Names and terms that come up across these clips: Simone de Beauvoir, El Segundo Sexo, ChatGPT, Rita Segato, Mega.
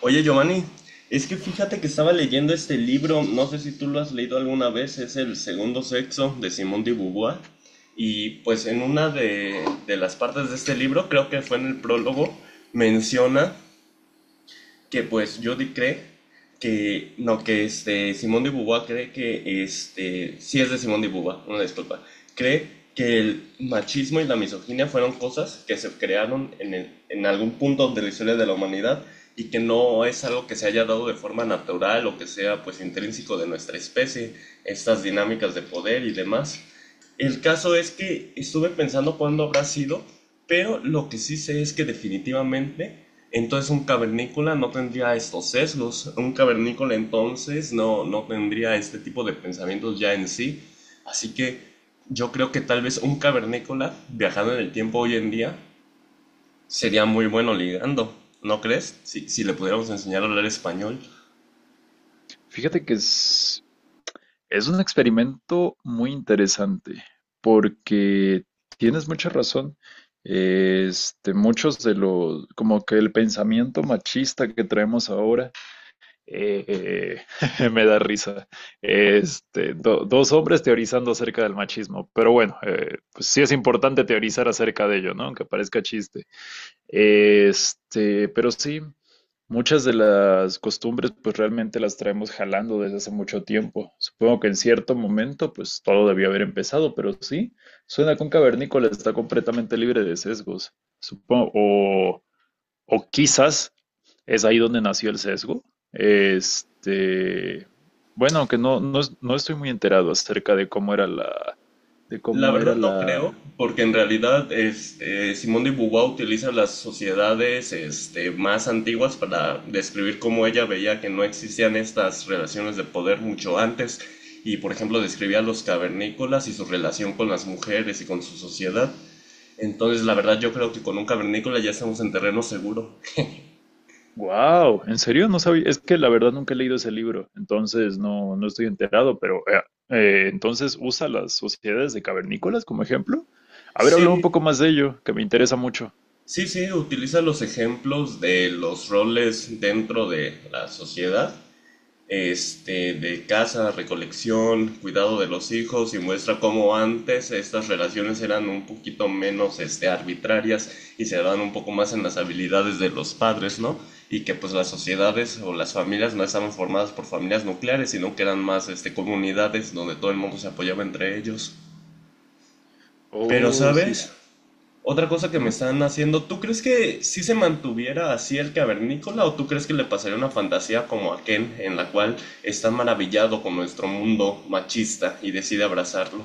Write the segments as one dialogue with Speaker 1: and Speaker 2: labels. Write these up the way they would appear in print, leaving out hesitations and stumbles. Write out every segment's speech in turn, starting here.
Speaker 1: Oye, Giovanni, es que fíjate que estaba leyendo este libro, no sé si tú lo has leído alguna vez, es El Segundo Sexo de Simone de Beauvoir. Y pues en una de las partes de este libro, creo que fue en el prólogo, menciona que pues Jody cree que, no, que Simón de Beauvoir cree que, sí es de Simón de Beauvoir, una disculpa, cree que el machismo y la misoginia fueron cosas que se crearon en, en algún punto de la historia de la humanidad y que no es algo que se haya dado de forma natural o que sea pues intrínseco de nuestra especie, estas dinámicas de poder y demás. El caso es que estuve pensando cuándo habrá sido, pero lo que sí sé es que definitivamente entonces un cavernícola no tendría estos sesgos. Un cavernícola entonces no, no tendría este tipo de pensamientos ya en sí. Así que yo creo que tal vez un cavernícola viajando en el tiempo hoy en día sería muy bueno ligando. ¿No crees? Si, si le pudiéramos enseñar a hablar español.
Speaker 2: Fíjate que es un experimento muy interesante porque tienes mucha razón. Muchos de los, como que el pensamiento machista que traemos ahora, eh, me da risa. Dos hombres teorizando acerca del machismo, pero bueno, pues sí es importante teorizar acerca de ello, ¿no? Aunque parezca chiste. Pero sí, muchas de las costumbres pues realmente las traemos jalando desde hace mucho tiempo. Supongo que en cierto momento pues todo debió haber empezado, pero sí, suena que un cavernícola está completamente libre de sesgos. Supongo, o quizás es ahí donde nació el sesgo. Este, aunque no estoy muy enterado acerca de cómo era la, de
Speaker 1: La
Speaker 2: cómo era
Speaker 1: verdad no creo,
Speaker 2: la,
Speaker 1: porque en realidad es, Simone de Beauvoir utiliza las sociedades más antiguas para describir cómo ella veía que no existían estas relaciones de poder mucho antes y por ejemplo describía a los cavernícolas y su relación con las mujeres y con su sociedad. Entonces la verdad yo creo que con un cavernícola ya estamos en terreno seguro.
Speaker 2: Wow, ¿en serio? No sabía. Es que la verdad nunca he leído ese libro, entonces no, no estoy enterado, pero entonces usa las sociedades de cavernícolas como ejemplo. A ver, habla un
Speaker 1: Sí,
Speaker 2: poco más de ello, que me
Speaker 1: u-
Speaker 2: interesa mucho.
Speaker 1: sí, sí, utiliza los ejemplos de los roles dentro de la sociedad, de caza, recolección, cuidado de los hijos y muestra cómo antes estas relaciones eran un poquito menos arbitrarias y se daban un poco más en las habilidades de los padres, ¿no? Y que pues las sociedades o las familias no estaban formadas por familias nucleares, sino que eran más comunidades donde todo el mundo se apoyaba entre ellos. Pero,
Speaker 2: Oh, sí, sí.
Speaker 1: ¿sabes? Otra cosa que me
Speaker 2: Ujú.
Speaker 1: están haciendo, ¿tú crees que si se mantuviera así el cavernícola o tú crees que le pasaría una fantasía como a Ken en la cual está maravillado con nuestro mundo machista y decide abrazarlo?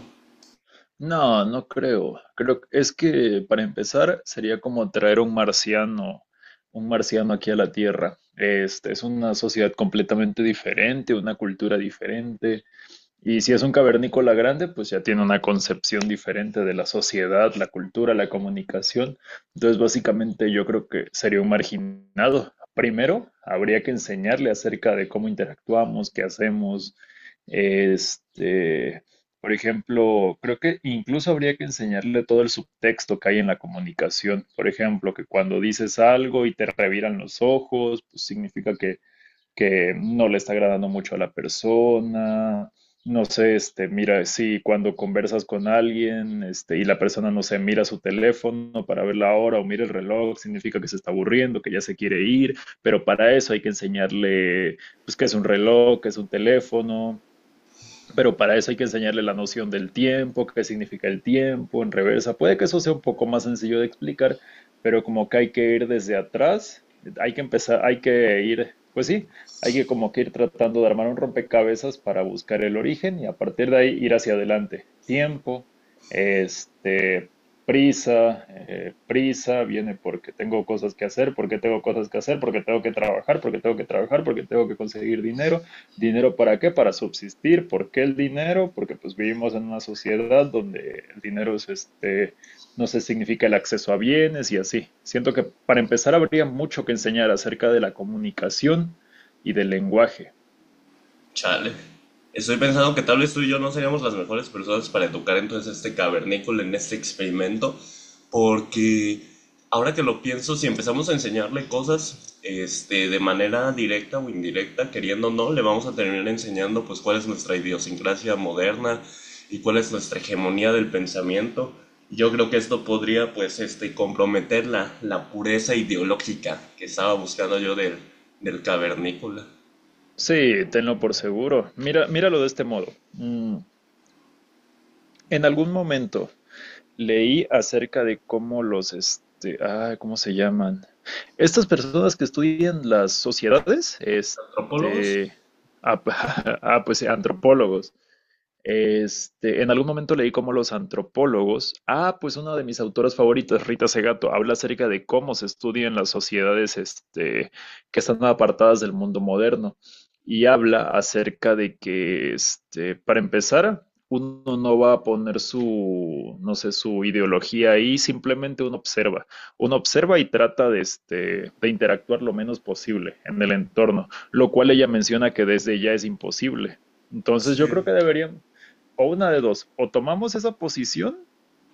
Speaker 2: No, no creo. Creo que es que para empezar sería como traer un marciano aquí a la Tierra. Este es una sociedad completamente diferente, una cultura diferente. Y si es un cavernícola grande, pues ya tiene una concepción diferente de la sociedad, la cultura, la comunicación. Entonces, básicamente yo creo que sería un marginado. Primero, habría que enseñarle acerca de cómo interactuamos, qué hacemos. Este, por ejemplo, creo que incluso habría que enseñarle todo el subtexto que hay en la comunicación. Por ejemplo, que cuando dices algo y te reviran los ojos, pues significa que no le está agradando mucho a la persona. No sé, este, mira, si cuando conversas con alguien, y la persona, no sé, mira su teléfono para ver la hora o mira el reloj, significa que se está aburriendo, que ya se quiere ir, pero para eso hay que enseñarle, pues, qué es un reloj, qué es un teléfono, pero para eso hay que enseñarle la noción del tiempo, qué significa el tiempo en reversa. Puede que eso sea un poco más sencillo de explicar, pero como que hay que ir desde atrás, hay que empezar, pues sí, hay que como que ir tratando de armar un rompecabezas para buscar el origen y a partir de ahí ir hacia adelante. Tiempo, este, prisa, prisa, viene porque tengo cosas que hacer, porque tengo cosas que hacer, porque tengo que trabajar, porque tengo que trabajar, porque tengo que conseguir dinero. ¿Dinero para qué? Para subsistir. ¿Por qué el dinero? Porque pues vivimos en una sociedad donde el dinero es no se significa el acceso a bienes y así. Siento que para empezar habría mucho que enseñar acerca de la comunicación y del lenguaje.
Speaker 1: Chale. Estoy pensando que tal vez tú y yo no seríamos las mejores personas para educar entonces a este cavernícola en este experimento, porque ahora que lo pienso, si empezamos a enseñarle cosas, de manera directa o indirecta, queriendo o no, le vamos a terminar enseñando pues cuál es nuestra idiosincrasia moderna y cuál es nuestra hegemonía del pensamiento. Y yo creo que esto podría pues comprometer la pureza ideológica que estaba buscando yo del cavernícola.
Speaker 2: Sí, tenlo por seguro. Mira, míralo de este modo. Mm, en algún momento leí acerca de cómo los, ¿cómo se llaman? Estas personas que estudian las sociedades,
Speaker 1: ¿Antropólogos?
Speaker 2: ah, pues antropólogos. En algún momento leí cómo los antropólogos, pues una de mis autoras favoritas, Rita Segato, habla acerca de cómo se estudian las sociedades, que están apartadas del mundo moderno y habla acerca de que, para empezar, uno no va a poner su, no sé, su ideología ahí, simplemente uno observa. Uno observa y trata de, de interactuar lo menos posible en el entorno, lo cual ella menciona que desde ya es imposible. Entonces
Speaker 1: Sí.
Speaker 2: yo creo que deberíamos, o una de dos, o tomamos esa posición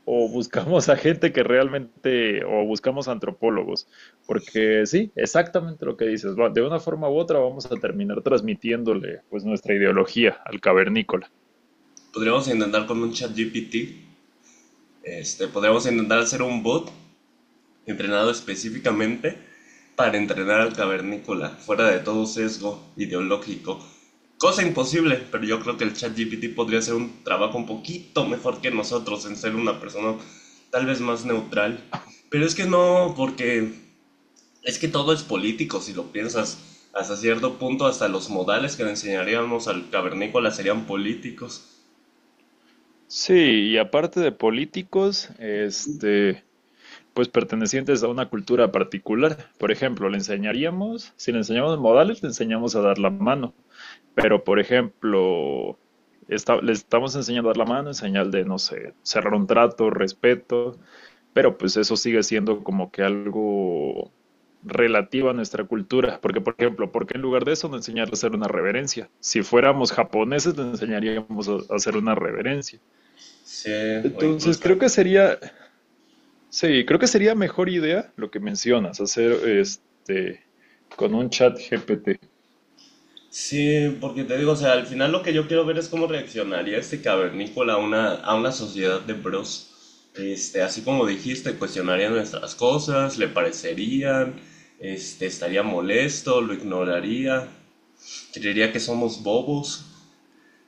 Speaker 2: o buscamos a gente que realmente, o buscamos antropólogos, porque sí, exactamente lo que dices, va, de una forma u otra vamos a terminar transmitiéndole pues nuestra ideología al cavernícola.
Speaker 1: Podríamos intentar con un chat GPT, podríamos intentar hacer un bot entrenado específicamente para entrenar al cavernícola, fuera de todo sesgo ideológico. Cosa imposible, pero yo creo que el chat GPT podría hacer un trabajo un poquito mejor que nosotros en ser una persona tal vez más neutral. Pero es que no, porque es que todo es político, si lo piensas. Hasta cierto punto, hasta los modales que le enseñaríamos al cavernícola serían políticos.
Speaker 2: Sí, y aparte de políticos, pues pertenecientes a una cultura particular. Por ejemplo, le enseñaríamos, si le enseñamos modales, le enseñamos a dar la mano. Pero, por ejemplo, le estamos enseñando a dar la mano en señal de, no sé, cerrar un trato, respeto, pero pues eso sigue siendo como que algo relativo a nuestra cultura. Porque, por ejemplo, ¿por qué en lugar de eso no enseñar a hacer una reverencia? Si fuéramos japoneses, le enseñaríamos a hacer una reverencia.
Speaker 1: Sí, o
Speaker 2: Entonces
Speaker 1: incluso...
Speaker 2: creo que sería, sí, creo que sería mejor idea lo que mencionas, hacer este con un chat GPT.
Speaker 1: Sí, porque te digo, o sea, al final lo que yo quiero ver es cómo reaccionaría este cavernícola a una sociedad de bros. Así como dijiste, cuestionaría nuestras cosas, le parecerían, estaría molesto, lo ignoraría, creería que somos bobos.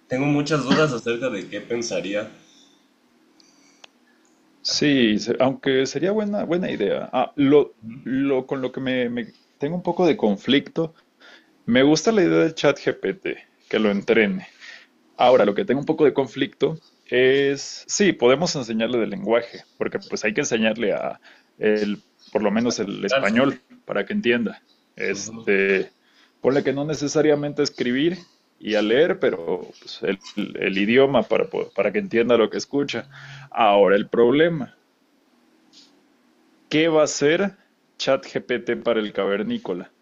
Speaker 1: Tengo muchas dudas acerca de qué pensaría
Speaker 2: Aunque sería buena, buena idea. Ah, lo con lo que me- tengo un poco de conflicto. Me gusta la idea del chat GPT, que lo entrene. Ahora, lo que tengo un poco de conflicto es, sí, podemos enseñarle del lenguaje, porque pues hay que enseñarle el, por lo menos el
Speaker 1: en cárcel.
Speaker 2: español para que entienda.
Speaker 1: Ujú.
Speaker 2: Este, ponle que no necesariamente a escribir y a leer, pero pues, el idioma para que entienda lo que escucha. Ahora, el problema, ¿qué va a hacer ChatGPT para el cavernícola?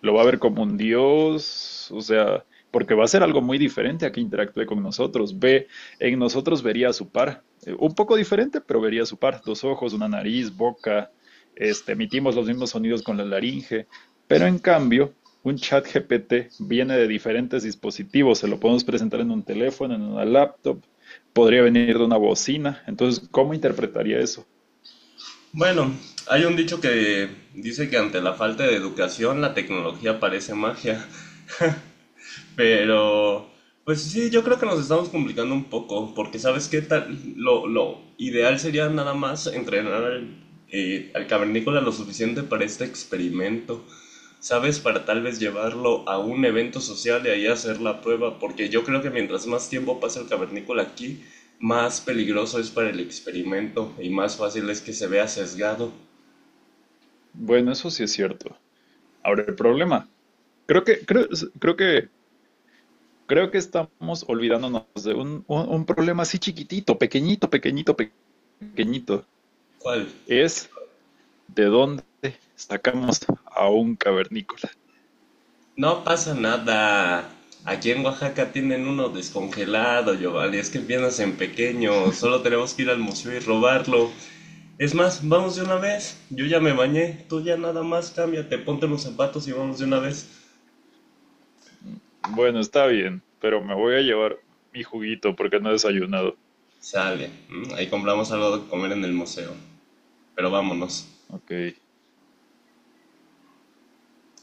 Speaker 2: Lo va a ver como un dios, o sea, porque va a ser algo muy diferente a que interactúe con nosotros. Ve, en nosotros vería a su par, un poco diferente, pero vería a su par, dos ojos, una nariz, boca, emitimos los mismos sonidos con la laringe, pero en cambio, un chat GPT viene de diferentes dispositivos, se lo podemos presentar en un teléfono, en una laptop, podría venir de una bocina, entonces, ¿cómo interpretaría eso?
Speaker 1: Bueno, hay un dicho que dice que ante la falta de educación la tecnología parece magia. Pero, pues sí, yo creo que nos estamos complicando un poco, porque sabes qué tal, lo ideal sería nada más entrenar al, al cavernícola lo suficiente para este experimento, sabes, para tal vez llevarlo a un evento social y ahí hacer la prueba, porque yo creo que mientras más tiempo pasa el cavernícola aquí, más peligroso es para el experimento y más fácil es que se vea sesgado.
Speaker 2: Bueno, eso sí es cierto. Ahora, el problema, creo que, creo, creo que creo que estamos olvidándonos de un problema así chiquitito, pequeñito, pequeñito, pequeñito.
Speaker 1: ¿Cuál?
Speaker 2: Es de dónde sacamos a un cavernícola.
Speaker 1: No pasa nada. Aquí en Oaxaca tienen uno descongelado, Giovanni. Es que empiezas en pequeño. Solo tenemos que ir al museo y robarlo. Es más, vamos de una vez. Yo ya me bañé. Tú ya nada más cámbiate, ponte los zapatos y vamos de una vez.
Speaker 2: Mm, Bueno, está bien, pero me voy a llevar mi juguito porque no he desayunado.
Speaker 1: Sale. ¿M? Ahí compramos algo de comer en el museo. Pero vámonos.
Speaker 2: Ok.